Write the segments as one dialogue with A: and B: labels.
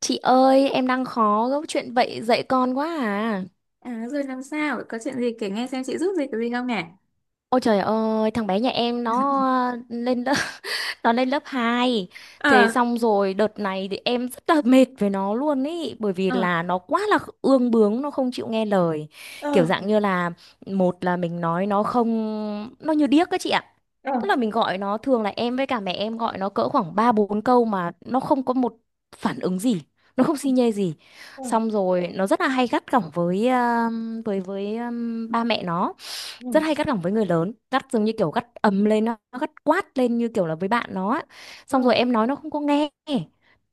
A: Chị ơi, em đang khó gấp chuyện vậy dạy con quá à.
B: À, rồi làm sao? Có chuyện gì kể nghe xem chị giúp gì cái gì không nhỉ?
A: Ôi trời ơi, thằng bé nhà em nó lên lớp nó lên lớp 2. Thế
B: Ờ.
A: xong rồi đợt này thì em rất là mệt với nó luôn ý, bởi vì
B: Ờ.
A: là nó quá là ương bướng, nó không chịu nghe lời. Kiểu
B: Ờ.
A: dạng như là, một là mình nói nó không, nó như điếc các chị ạ. Tức
B: Ờ.
A: là mình gọi nó, thường là em với cả mẹ em gọi nó cỡ khoảng 3 4 câu mà nó không có một phản ứng gì, nó không xi nhê gì. Xong rồi nó rất là hay gắt gỏng với với với ờ, ba mẹ nó,
B: Ừ.
A: rất hay gắt gỏng với người lớn, gắt giống như kiểu gắt ầm lên, nó gắt quát lên như kiểu là với bạn nó á. Xong rồi
B: Ừ.
A: em nói nó không có nghe,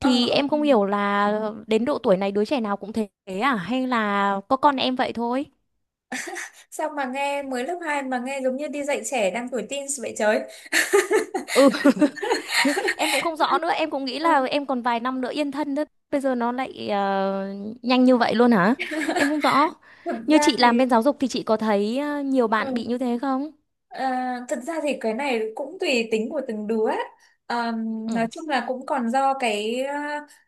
B: Ờ. Ờ.
A: em
B: Ừ.
A: không hiểu là đến độ tuổi này đứa trẻ nào cũng thế à, hay là có con em vậy thôi.
B: Sao mà nghe mới lớp 2 mà nghe giống như đi dạy trẻ đang tuổi teens vậy trời.
A: Ừ. Em cũng không rõ nữa, em cũng nghĩ
B: Ừ.
A: là em còn vài năm nữa yên thân nữa, bây giờ nó lại nhanh như vậy luôn hả. Em không rõ,
B: thực
A: như
B: ra
A: chị làm
B: thì
A: bên giáo dục thì chị có thấy nhiều bạn
B: Ừ.
A: bị như thế không.
B: À, thật ra thì cái này cũng tùy tính của từng đứa ấy. À, nói
A: Ừ,
B: chung là cũng còn do cái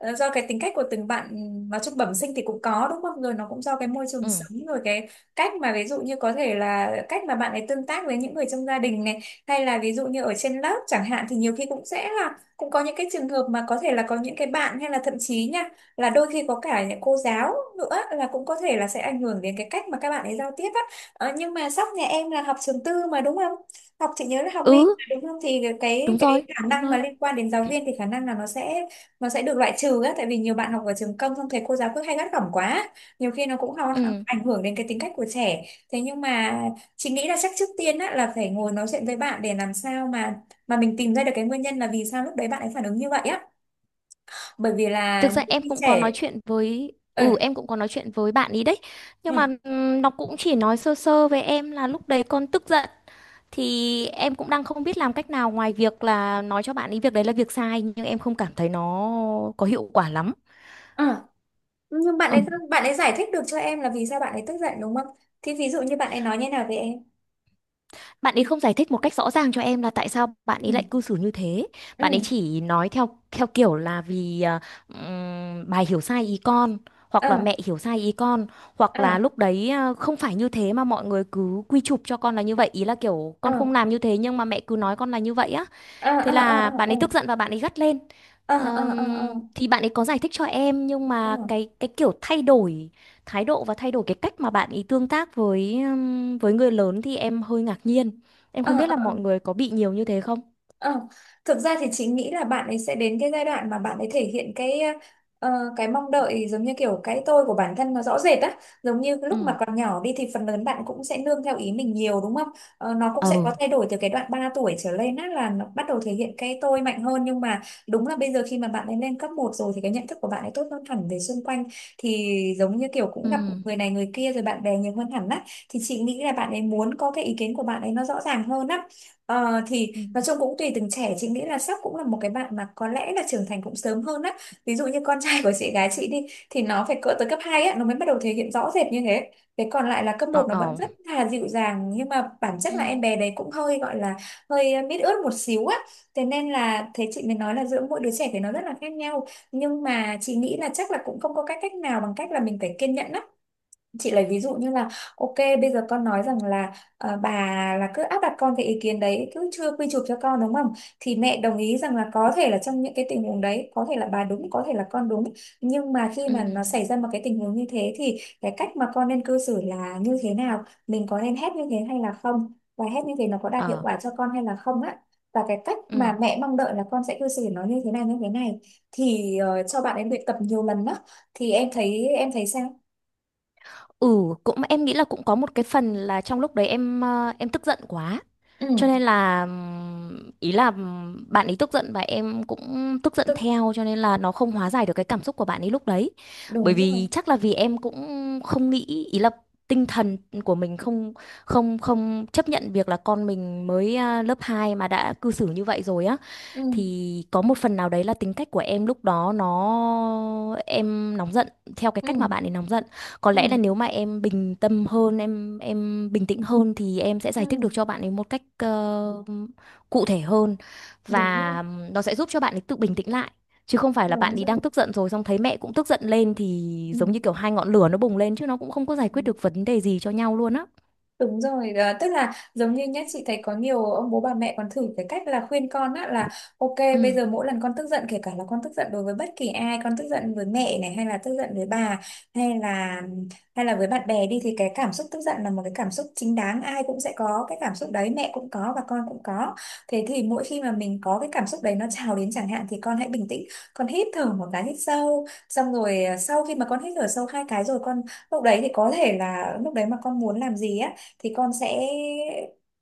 B: do cái tính cách của từng bạn. Nói chung bẩm sinh thì cũng có đúng không, rồi nó cũng do cái môi trường
A: ừ,
B: sống, rồi cái cách mà ví dụ như có thể là cách mà bạn ấy tương tác với những người trong gia đình này, hay là ví dụ như ở trên lớp chẳng hạn, thì nhiều khi cũng sẽ là cũng có những cái trường hợp mà có thể là có những cái bạn hay là thậm chí nha, là đôi khi có cả những cô giáo nữa là cũng có thể là sẽ ảnh hưởng đến cái cách mà các bạn ấy giao tiếp á. Nhưng mà Sóc nhà em là học trường tư mà đúng không? Học chị nhớ là học
A: ừ,
B: vi mà đúng không? Thì cái
A: đúng
B: cái
A: rồi,
B: khả
A: đúng
B: năng mà
A: rồi,
B: liên quan đến giáo viên thì khả năng là nó sẽ được loại trừ á, tại vì nhiều bạn học ở trường công xong thầy cô giáo cứ hay gắt gỏng quá. Nhiều khi nó cũng học,
A: ừ.
B: ảnh hưởng đến cái tính cách của trẻ. Thế nhưng mà chị nghĩ là chắc trước tiên á là phải ngồi nói chuyện với bạn để làm sao mà mình tìm ra được cái nguyên nhân là vì sao lúc đấy bạn ấy phản ứng như vậy á. Bởi vì là
A: Thực ra
B: những
A: em
B: khi
A: cũng có nói
B: trẻ.
A: chuyện với,
B: Ừ.
A: bạn ý đấy, nhưng
B: Ừ.
A: mà nó cũng chỉ nói sơ sơ với em là lúc đấy con tức giận, thì em cũng đang không biết làm cách nào ngoài việc là nói cho bạn ý việc đấy là việc sai, nhưng em không cảm thấy nó có hiệu quả lắm.
B: Ừ. Nhưng bạn
A: Ừ.
B: ấy bạn ấy giải thích được cho em là vì sao bạn ấy tức giận đúng không? Thì ví dụ như bạn ấy nói như nào với em?
A: Bạn ấy không giải thích một cách rõ ràng cho em là tại sao bạn ấy lại
B: Ừ.
A: cư xử như thế. Bạn ấy
B: Ừ.
A: chỉ nói theo theo kiểu là vì bà hiểu sai ý con, hoặc là mẹ
B: Ờ.
A: hiểu sai ý con, hoặc là
B: Ờ.
A: lúc đấy không phải như thế mà mọi người cứ quy chụp cho con là như vậy, ý là kiểu
B: Ờ.
A: con không làm như thế nhưng mà mẹ cứ nói con là như vậy á.
B: Ờ.
A: Thế
B: Ờ.
A: là
B: Ờ.
A: bạn
B: Ờ.
A: ấy tức giận và bạn ấy gắt lên.
B: Ờ. Ờ. Ờ. Ờ.
A: Thì bạn ấy có giải thích cho em nhưng
B: Ờ.
A: mà cái kiểu thay đổi thái độ và thay đổi cái cách mà bạn ấy tương tác với với người lớn thì em hơi ngạc nhiên. Em
B: Ờ.
A: không biết là
B: Ờ.
A: mọi người có bị nhiều như thế không?
B: Ờ, Thực ra thì chị nghĩ là bạn ấy sẽ đến cái giai đoạn mà bạn ấy thể hiện cái ờ, cái mong đợi giống như kiểu cái tôi của bản thân nó rõ rệt á, giống như
A: Ừ.
B: lúc mà còn nhỏ đi thì phần lớn bạn cũng sẽ nương theo ý mình nhiều đúng không? Nó cũng sẽ
A: Ừ.
B: có thay đổi từ cái đoạn 3 tuổi trở lên á, là nó bắt đầu thể hiện cái tôi mạnh hơn. Nhưng mà đúng là bây giờ khi mà bạn ấy lên cấp 1 rồi thì cái nhận thức của bạn ấy tốt hơn hẳn về xung quanh, thì giống như kiểu cũng gặp
A: Ừ.
B: người này người kia rồi bạn bè nhiều hơn hẳn á, thì chị nghĩ là bạn ấy muốn có cái ý kiến của bạn ấy nó rõ ràng hơn á. Ờ, thì
A: Ừ.
B: Nói chung cũng tùy từng trẻ, chị nghĩ là sắp cũng là một cái bạn mà có lẽ là trưởng thành cũng sớm hơn á. Ví dụ như con trai của chị gái chị đi thì nó phải cỡ tới cấp 2 á nó mới bắt đầu thể hiện rõ rệt như thế, thế còn lại là cấp 1 nó vẫn
A: Ờ.
B: rất là dịu dàng. Nhưng mà bản chất là em
A: Ừ.
B: bé đấy cũng hơi gọi là hơi mít ướt một xíu á. Thế nên là thế chị mới nói là giữa mỗi đứa trẻ thì nó rất là khác nhau, nhưng mà chị nghĩ là chắc là cũng không có cách cách nào bằng cách là mình phải kiên nhẫn á. Chị lấy ví dụ như là ok, bây giờ con nói rằng là bà là cứ áp đặt con cái ý kiến đấy, cứ chưa quy chụp cho con đúng không? Thì mẹ đồng ý rằng là có thể là trong những cái tình huống đấy có thể là bà đúng, có thể là con đúng. Nhưng mà khi mà
A: Ừ.
B: nó xảy ra một cái tình huống như thế thì cái cách mà con nên cư xử là như thế nào, mình có nên hét như thế hay là không, và hét như thế nó có đạt hiệu
A: Ờ.
B: quả cho con hay là không á, và cái cách mà
A: Ừ.
B: mẹ mong đợi là con sẽ cư xử nó như thế này như thế này. Thì cho bạn em luyện tập nhiều lần đó thì em thấy sao?
A: Ừ, cũng em nghĩ là cũng có một cái phần là trong lúc đấy em tức giận quá.
B: Ừ.
A: Cho nên là ý là bạn ấy tức giận và em cũng tức giận theo, cho nên là nó không hóa giải được cái cảm xúc của bạn ấy lúc đấy. Bởi
B: Đúng rồi.
A: vì chắc là vì em cũng không nghĩ, ý là tinh thần của mình không không không chấp nhận việc là con mình mới lớp 2 mà đã cư xử như vậy rồi á,
B: Ừ,
A: thì có một phần nào đấy là tính cách của em lúc đó em nóng giận theo cái cách mà
B: ừ,
A: bạn ấy nóng giận. Có lẽ là
B: ừ,
A: nếu mà em bình tâm hơn, em bình tĩnh hơn thì em sẽ giải thích được
B: ừ.
A: cho bạn ấy một cách cụ thể hơn,
B: Đúng rồi.
A: và nó sẽ giúp cho bạn ấy tự bình tĩnh lại, chứ không phải là bạn
B: Đúng
A: ấy
B: rồi.
A: đang tức giận rồi xong thấy mẹ cũng tức giận lên thì giống như kiểu hai ngọn lửa nó bùng lên, chứ nó cũng không có giải
B: Ừ.
A: quyết được vấn đề gì cho nhau luôn á.
B: Đúng rồi, à, tức là giống như nhá, chị thấy có nhiều ông bố bà mẹ còn thử cái cách là khuyên con á là ok,
A: Ừ,
B: bây giờ mỗi lần con tức giận kể cả là con tức giận đối với bất kỳ ai, con tức giận với mẹ này hay là tức giận với bà, hay là với bạn bè đi, thì cái cảm xúc tức giận là một cái cảm xúc chính đáng, ai cũng sẽ có cái cảm xúc đấy, mẹ cũng có và con cũng có. Thế thì mỗi khi mà mình có cái cảm xúc đấy nó trào đến chẳng hạn thì con hãy bình tĩnh, con hít thở một cái hít sâu, xong rồi sau khi mà con hít thở sâu 2 cái rồi con lúc đấy, thì có thể là lúc đấy mà con muốn làm gì á thì con sẽ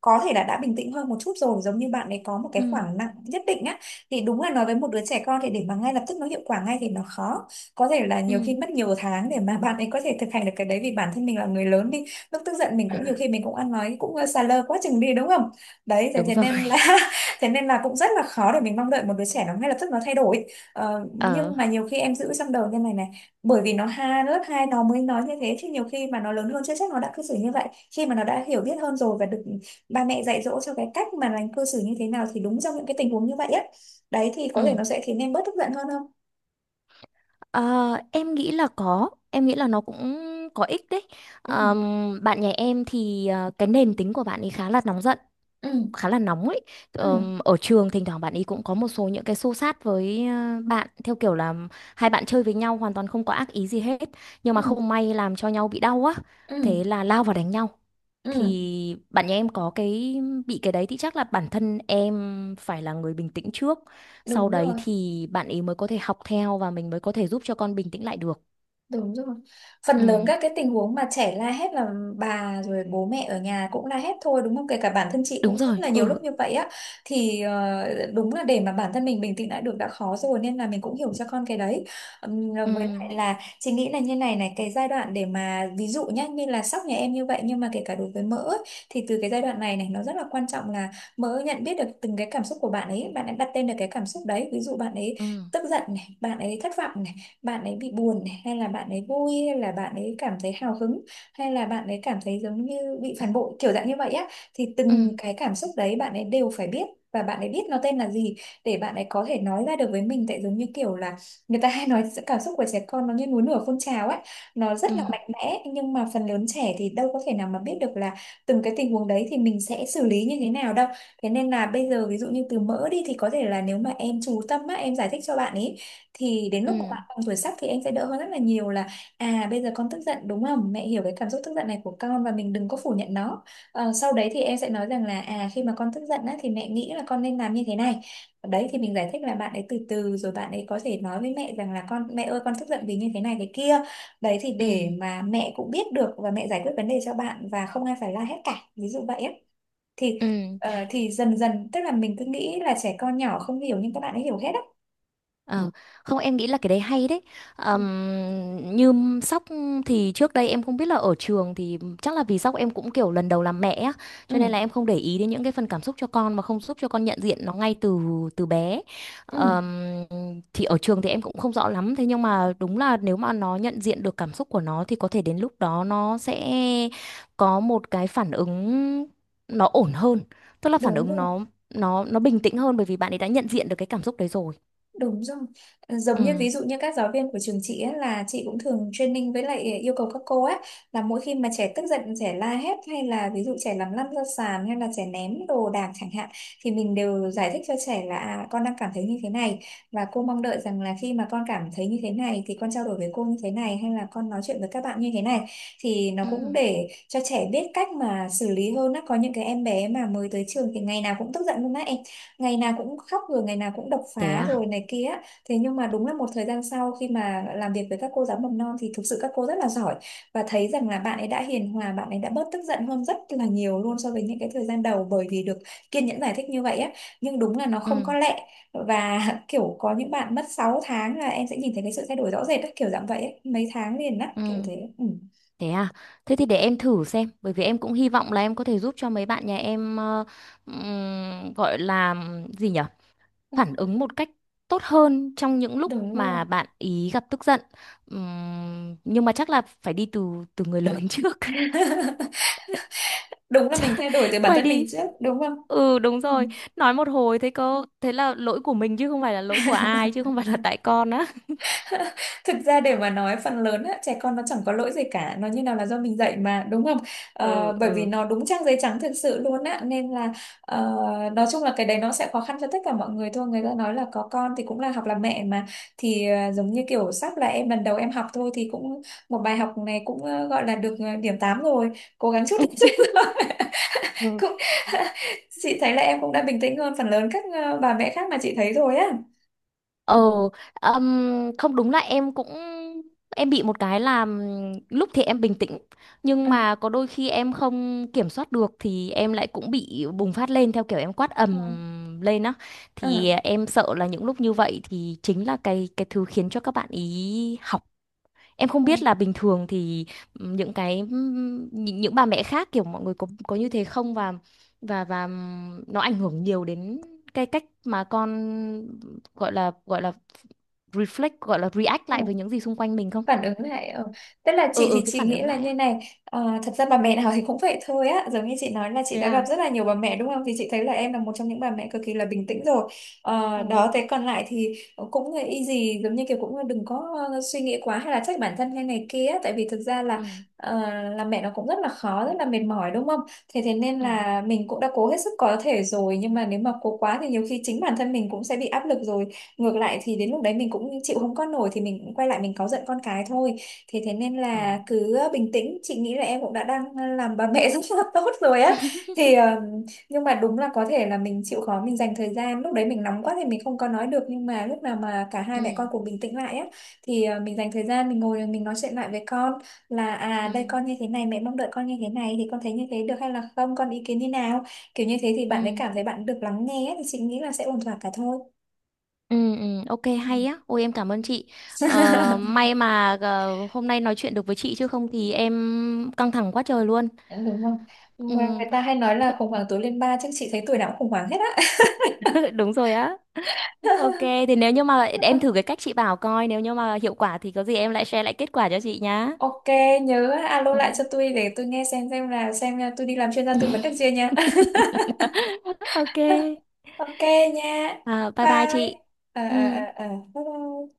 B: có thể là đã bình tĩnh hơn một chút rồi, giống như bạn ấy có một cái
A: ừ,
B: khoảng nặng nhất định á. Thì đúng là nói với một đứa trẻ con thì để mà ngay lập tức nó hiệu quả ngay thì nó khó, có thể là nhiều khi
A: ừ,
B: mất nhiều tháng để mà bạn ấy có thể thực hành được cái đấy, vì bản thân mình là người lớn đi lúc tức giận mình cũng nhiều khi mình cũng ăn nói cũng xà lơ quá chừng đi đúng không? Đấy, thế
A: đúng
B: thế
A: rồi.
B: nên là thế nên là cũng rất là khó để mình mong đợi một đứa trẻ nó ngay lập tức nó thay đổi.
A: Ờ,
B: Nhưng mà nhiều khi em giữ trong đầu như này này, bởi vì nó ha lớp 2 nó mới nói như thế, chứ nhiều khi mà nó lớn hơn chưa chắc nó đã cư xử như vậy. Khi mà nó đã hiểu biết hơn rồi và được ba mẹ dạy dỗ cho cái cách mà lành cư xử như thế nào thì đúng trong những cái tình huống như vậy á, đấy thì có thể
A: ừ.
B: nó sẽ khiến em bớt tức giận hơn không?
A: Ờ, em nghĩ là có, em nghĩ là nó cũng có ích đấy.
B: Ừ.
A: Bạn nhà em thì cái nền tính của bạn ấy khá là nóng giận,
B: Ừ.
A: khá là nóng ấy.
B: Ừ.
A: Ở trường thỉnh thoảng bạn ấy cũng có một số những cái xô xát với bạn, theo kiểu là hai bạn chơi với nhau hoàn toàn không có ác ý gì hết nhưng mà
B: Ừ.
A: không may làm cho nhau bị đau á.
B: Ừ.
A: Thế là lao vào đánh nhau.
B: Ừ.
A: Thì bạn nhà em có cái bị cái đấy, thì chắc là bản thân em phải là người bình tĩnh trước. Sau
B: Đúng
A: đấy
B: rồi.
A: thì bạn ấy mới có thể học theo và mình mới có thể giúp cho con bình tĩnh lại được.
B: Đúng rồi. Phần lớn
A: Ừ,
B: các cái tình huống mà trẻ la hét là bà rồi bố mẹ ở nhà cũng la hét thôi đúng không? Kể cả bản thân chị
A: đúng
B: cũng rất
A: rồi.
B: là nhiều
A: Ừ.
B: lúc như vậy á. Thì đúng là để mà bản thân mình bình tĩnh lại được đã khó rồi, nên là mình cũng hiểu cho con cái đấy.
A: Ừ.
B: Với lại là chị nghĩ là như này này, cái giai đoạn để mà ví dụ nhá như là sóc nhà em như vậy nhưng mà kể cả đối với mỡ ấy, thì từ cái giai đoạn này này nó rất là quan trọng là mỡ nhận biết được từng cái cảm xúc của bạn ấy đặt tên được cái cảm xúc đấy. Ví dụ bạn ấy
A: Ừ.
B: tức giận này, bạn ấy thất vọng này, bạn ấy bị buồn này, hay là bạn ấy vui, hay là bạn ấy cảm thấy hào hứng, hay là bạn ấy cảm thấy giống như bị phản bội kiểu dạng như vậy á, thì từng
A: Ừ.
B: cái cảm xúc đấy bạn ấy đều phải biết và bạn ấy biết nó tên là gì, để bạn ấy có thể nói ra được với mình, tại giống như kiểu là người ta hay nói sự cảm xúc của trẻ con nó như núi lửa phun trào ấy, nó
A: Ừ.
B: rất là mạnh mẽ nhưng mà phần lớn trẻ thì đâu có thể nào mà biết được là từng cái tình huống đấy thì mình sẽ xử lý như thế nào đâu. Thế nên là bây giờ ví dụ như từ mỡ đi thì có thể là nếu mà em chú tâm á, em giải thích cho bạn ấy thì đến
A: Ừ.
B: lúc mà
A: Ừ.
B: bạn bằng tuổi sắp thì em sẽ đỡ hơn rất là nhiều, là à bây giờ con tức giận đúng không? Mẹ hiểu cái cảm xúc tức giận này của con và mình đừng có phủ nhận nó. Ờ, sau đấy thì em sẽ nói rằng là à khi mà con tức giận á, thì mẹ nghĩ là con nên làm như thế này. Đấy thì mình giải thích là bạn ấy từ từ rồi bạn ấy có thể nói với mẹ rằng là con mẹ ơi con tức giận vì như thế này thế kia. Đấy thì
A: Ừ. Ừ,
B: để mà mẹ cũng biết được và mẹ giải quyết vấn đề cho bạn và không ai phải la hết cả. Ví dụ vậy á thì
A: ừ.
B: thì dần dần tức là mình cứ nghĩ là trẻ con nhỏ không hiểu nhưng các bạn ấy hiểu hết á.
A: Ờ, không, em nghĩ là cái đấy hay đấy.
B: Ừ,
A: Như Sóc thì trước đây em không biết, là ở trường thì chắc là vì Sóc em cũng kiểu lần đầu làm mẹ á, cho nên
B: ừ,
A: là em không để ý đến những cái phần cảm xúc cho con mà không giúp cho con nhận diện nó ngay từ từ bé.
B: ừ,
A: Ờm, thì ở trường thì em cũng không rõ lắm, thế nhưng mà đúng là nếu mà nó nhận diện được cảm xúc của nó thì có thể đến lúc đó nó sẽ có một cái phản ứng nó ổn hơn, tức là phản
B: đúng
A: ứng
B: rồi.
A: nó bình tĩnh hơn, bởi vì bạn ấy đã nhận diện được cái cảm xúc đấy rồi.
B: Đúng rồi. Ờ, giống
A: Ừ.
B: như ví dụ như các giáo viên của trường chị ấy, là chị cũng thường training với lại yêu cầu các cô ấy là mỗi khi mà trẻ tức giận, trẻ la hét hay là ví dụ trẻ làm lăn ra sàn hay là trẻ ném đồ đạc chẳng hạn thì mình đều giải thích cho trẻ là à, con đang cảm thấy như thế này và cô mong đợi rằng là khi mà con cảm thấy như thế này thì con trao đổi với cô như thế này hay là con nói chuyện với các bạn như thế này thì nó cũng
A: Ừ.
B: để cho trẻ biết cách mà xử lý hơn á. Có những cái em bé mà mới tới trường thì ngày nào cũng tức giận luôn á em, ngày nào cũng khóc rồi ngày nào cũng đập
A: Thế
B: phá
A: à?
B: rồi này kia. Thế nhưng mà đúng là một thời gian sau khi mà làm việc với các cô giáo mầm non thì thực sự các cô rất là giỏi và thấy rằng là bạn ấy đã hiền hòa, bạn ấy đã bớt tức giận hơn rất là nhiều luôn so với những cái thời gian đầu bởi vì được kiên nhẫn giải thích như vậy á. Nhưng đúng là nó
A: Ừ.
B: không có lẹ và kiểu có những bạn mất 6 tháng là em sẽ nhìn thấy cái sự thay đổi rõ rệt á, kiểu dạng vậy ấy. Mấy tháng liền á kiểu
A: Ừ.
B: thế, ừ.
A: Thế à? Thế thì để em thử xem, bởi vì em cũng hy vọng là em có thể giúp cho mấy bạn nhà em gọi là gì nhở, phản ứng một cách tốt hơn trong những lúc
B: Đúng rồi,
A: mà bạn ý gặp tức giận. Nhưng mà chắc là phải đi từ từ, người lớn trước.
B: đúng là mình thay đổi từ bản
A: Quay
B: thân mình
A: đi.
B: trước đúng không.
A: Ừ, đúng
B: Ừ.
A: rồi, nói một hồi thế cô, thế là lỗi của mình chứ không phải là lỗi của ai, chứ không phải là tại con á.
B: Thực ra để mà nói phần lớn á, trẻ con nó chẳng có lỗi gì cả, nó như nào là do mình dạy mà đúng không. Ờ,
A: Ừ,
B: bởi vì
A: ừ.
B: nó đúng trang giấy trắng thực sự luôn á nên là ờ, nói chung là cái đấy nó sẽ khó khăn cho tất cả mọi người thôi, người ta nói là có con thì cũng là học làm mẹ mà. Thì giống như kiểu sắp là em lần đầu em học thôi thì cũng một bài học này cũng gọi là được điểm 8 rồi, cố gắng chút nữa.
A: Ừ.
B: Cũng chị thấy là em cũng đã bình tĩnh hơn phần lớn các bà mẹ khác mà chị thấy rồi á.
A: Ờ, không đúng là em cũng bị một cái là lúc thì em bình tĩnh, nhưng
B: Ừ.
A: mà có đôi khi em không kiểm soát được thì em lại cũng bị bùng phát lên, theo kiểu em quát
B: Ừ.
A: ầm lên á. Thì
B: Ừ.
A: em sợ là những lúc như vậy thì chính là cái thứ khiến cho các bạn ý học. Em không biết là bình thường thì những bà mẹ khác kiểu mọi người có như thế không, và nó ảnh hưởng nhiều đến cái cách mà con gọi là react
B: Ừ.
A: lại với những gì xung quanh mình không?
B: Phản ứng lại ờ. Tức là
A: Ừ,
B: chị
A: ừ,
B: thì
A: cái
B: chị
A: phản
B: nghĩ
A: ứng
B: là
A: lại á.
B: như này thật ra bà mẹ nào thì cũng vậy thôi á, giống như chị nói là chị
A: Thế
B: đã gặp
A: à?
B: rất là nhiều bà mẹ đúng không, thì chị thấy là em là một trong những bà mẹ cực kỳ là bình tĩnh rồi. Ờ,
A: Ồ.
B: đó thế còn lại thì cũng là easy, giống như kiểu cũng đừng có suy nghĩ quá hay là trách bản thân hay này kia á. Tại vì thực ra là
A: Ừ,
B: ờ, làm mẹ nó cũng rất là khó, rất là mệt mỏi đúng không. Thế thế nên
A: ừ,
B: là mình cũng đã cố hết sức có thể rồi nhưng mà nếu mà cố quá thì nhiều khi chính bản thân mình cũng sẽ bị áp lực rồi, ngược lại thì đến lúc đấy mình cũng chịu không có nổi thì mình cũng quay lại mình cáu giận con cái thôi. Thế thế nên
A: ờ.
B: là cứ bình tĩnh, chị nghĩ là em cũng đã đang làm bà mẹ rất là tốt rồi á. Thì nhưng mà đúng là có thể là mình chịu khó mình dành thời gian lúc đấy mình nóng quá thì mình không có nói được nhưng mà lúc nào mà cả hai
A: Ừ,
B: mẹ con cùng bình tĩnh lại á thì mình dành thời gian mình ngồi mình nói chuyện lại với con là à
A: ừ,
B: đây con như thế này mẹ mong đợi con như thế này thì con thấy như thế được hay là không, con ý kiến như nào. Kiểu như thế thì bạn ấy
A: ừ,
B: cảm thấy bạn được lắng nghe á, thì chị nghĩ là sẽ ổn thỏa cả thôi.
A: ừ, ừ, ok,
B: Ừ.
A: hay á, ôi em cảm ơn chị. Ờ, may mà hôm nay nói chuyện được với chị, chứ không thì em căng thẳng quá trời luôn.
B: Đúng không, mà
A: Ừ,
B: người ta hay nói
A: thế.
B: là khủng hoảng tuổi lên ba chứ chị thấy tuổi nào cũng khủng hoảng hết á.
A: Đúng rồi á. Ok. Thì nếu như mà em thử cái cách chị bảo coi, nếu như mà hiệu quả thì có gì em lại share lại kết quả cho chị nhá.
B: Ok, nhớ alo
A: Ừ.
B: lại cho tôi để tôi nghe xem, xem là tôi đi làm chuyên gia tư vấn được chưa nha.
A: Ok.
B: Ok nha,
A: À, bye bye
B: bye.
A: chị.
B: ờ
A: Ừ.
B: ờ ờ ờ Bye bye.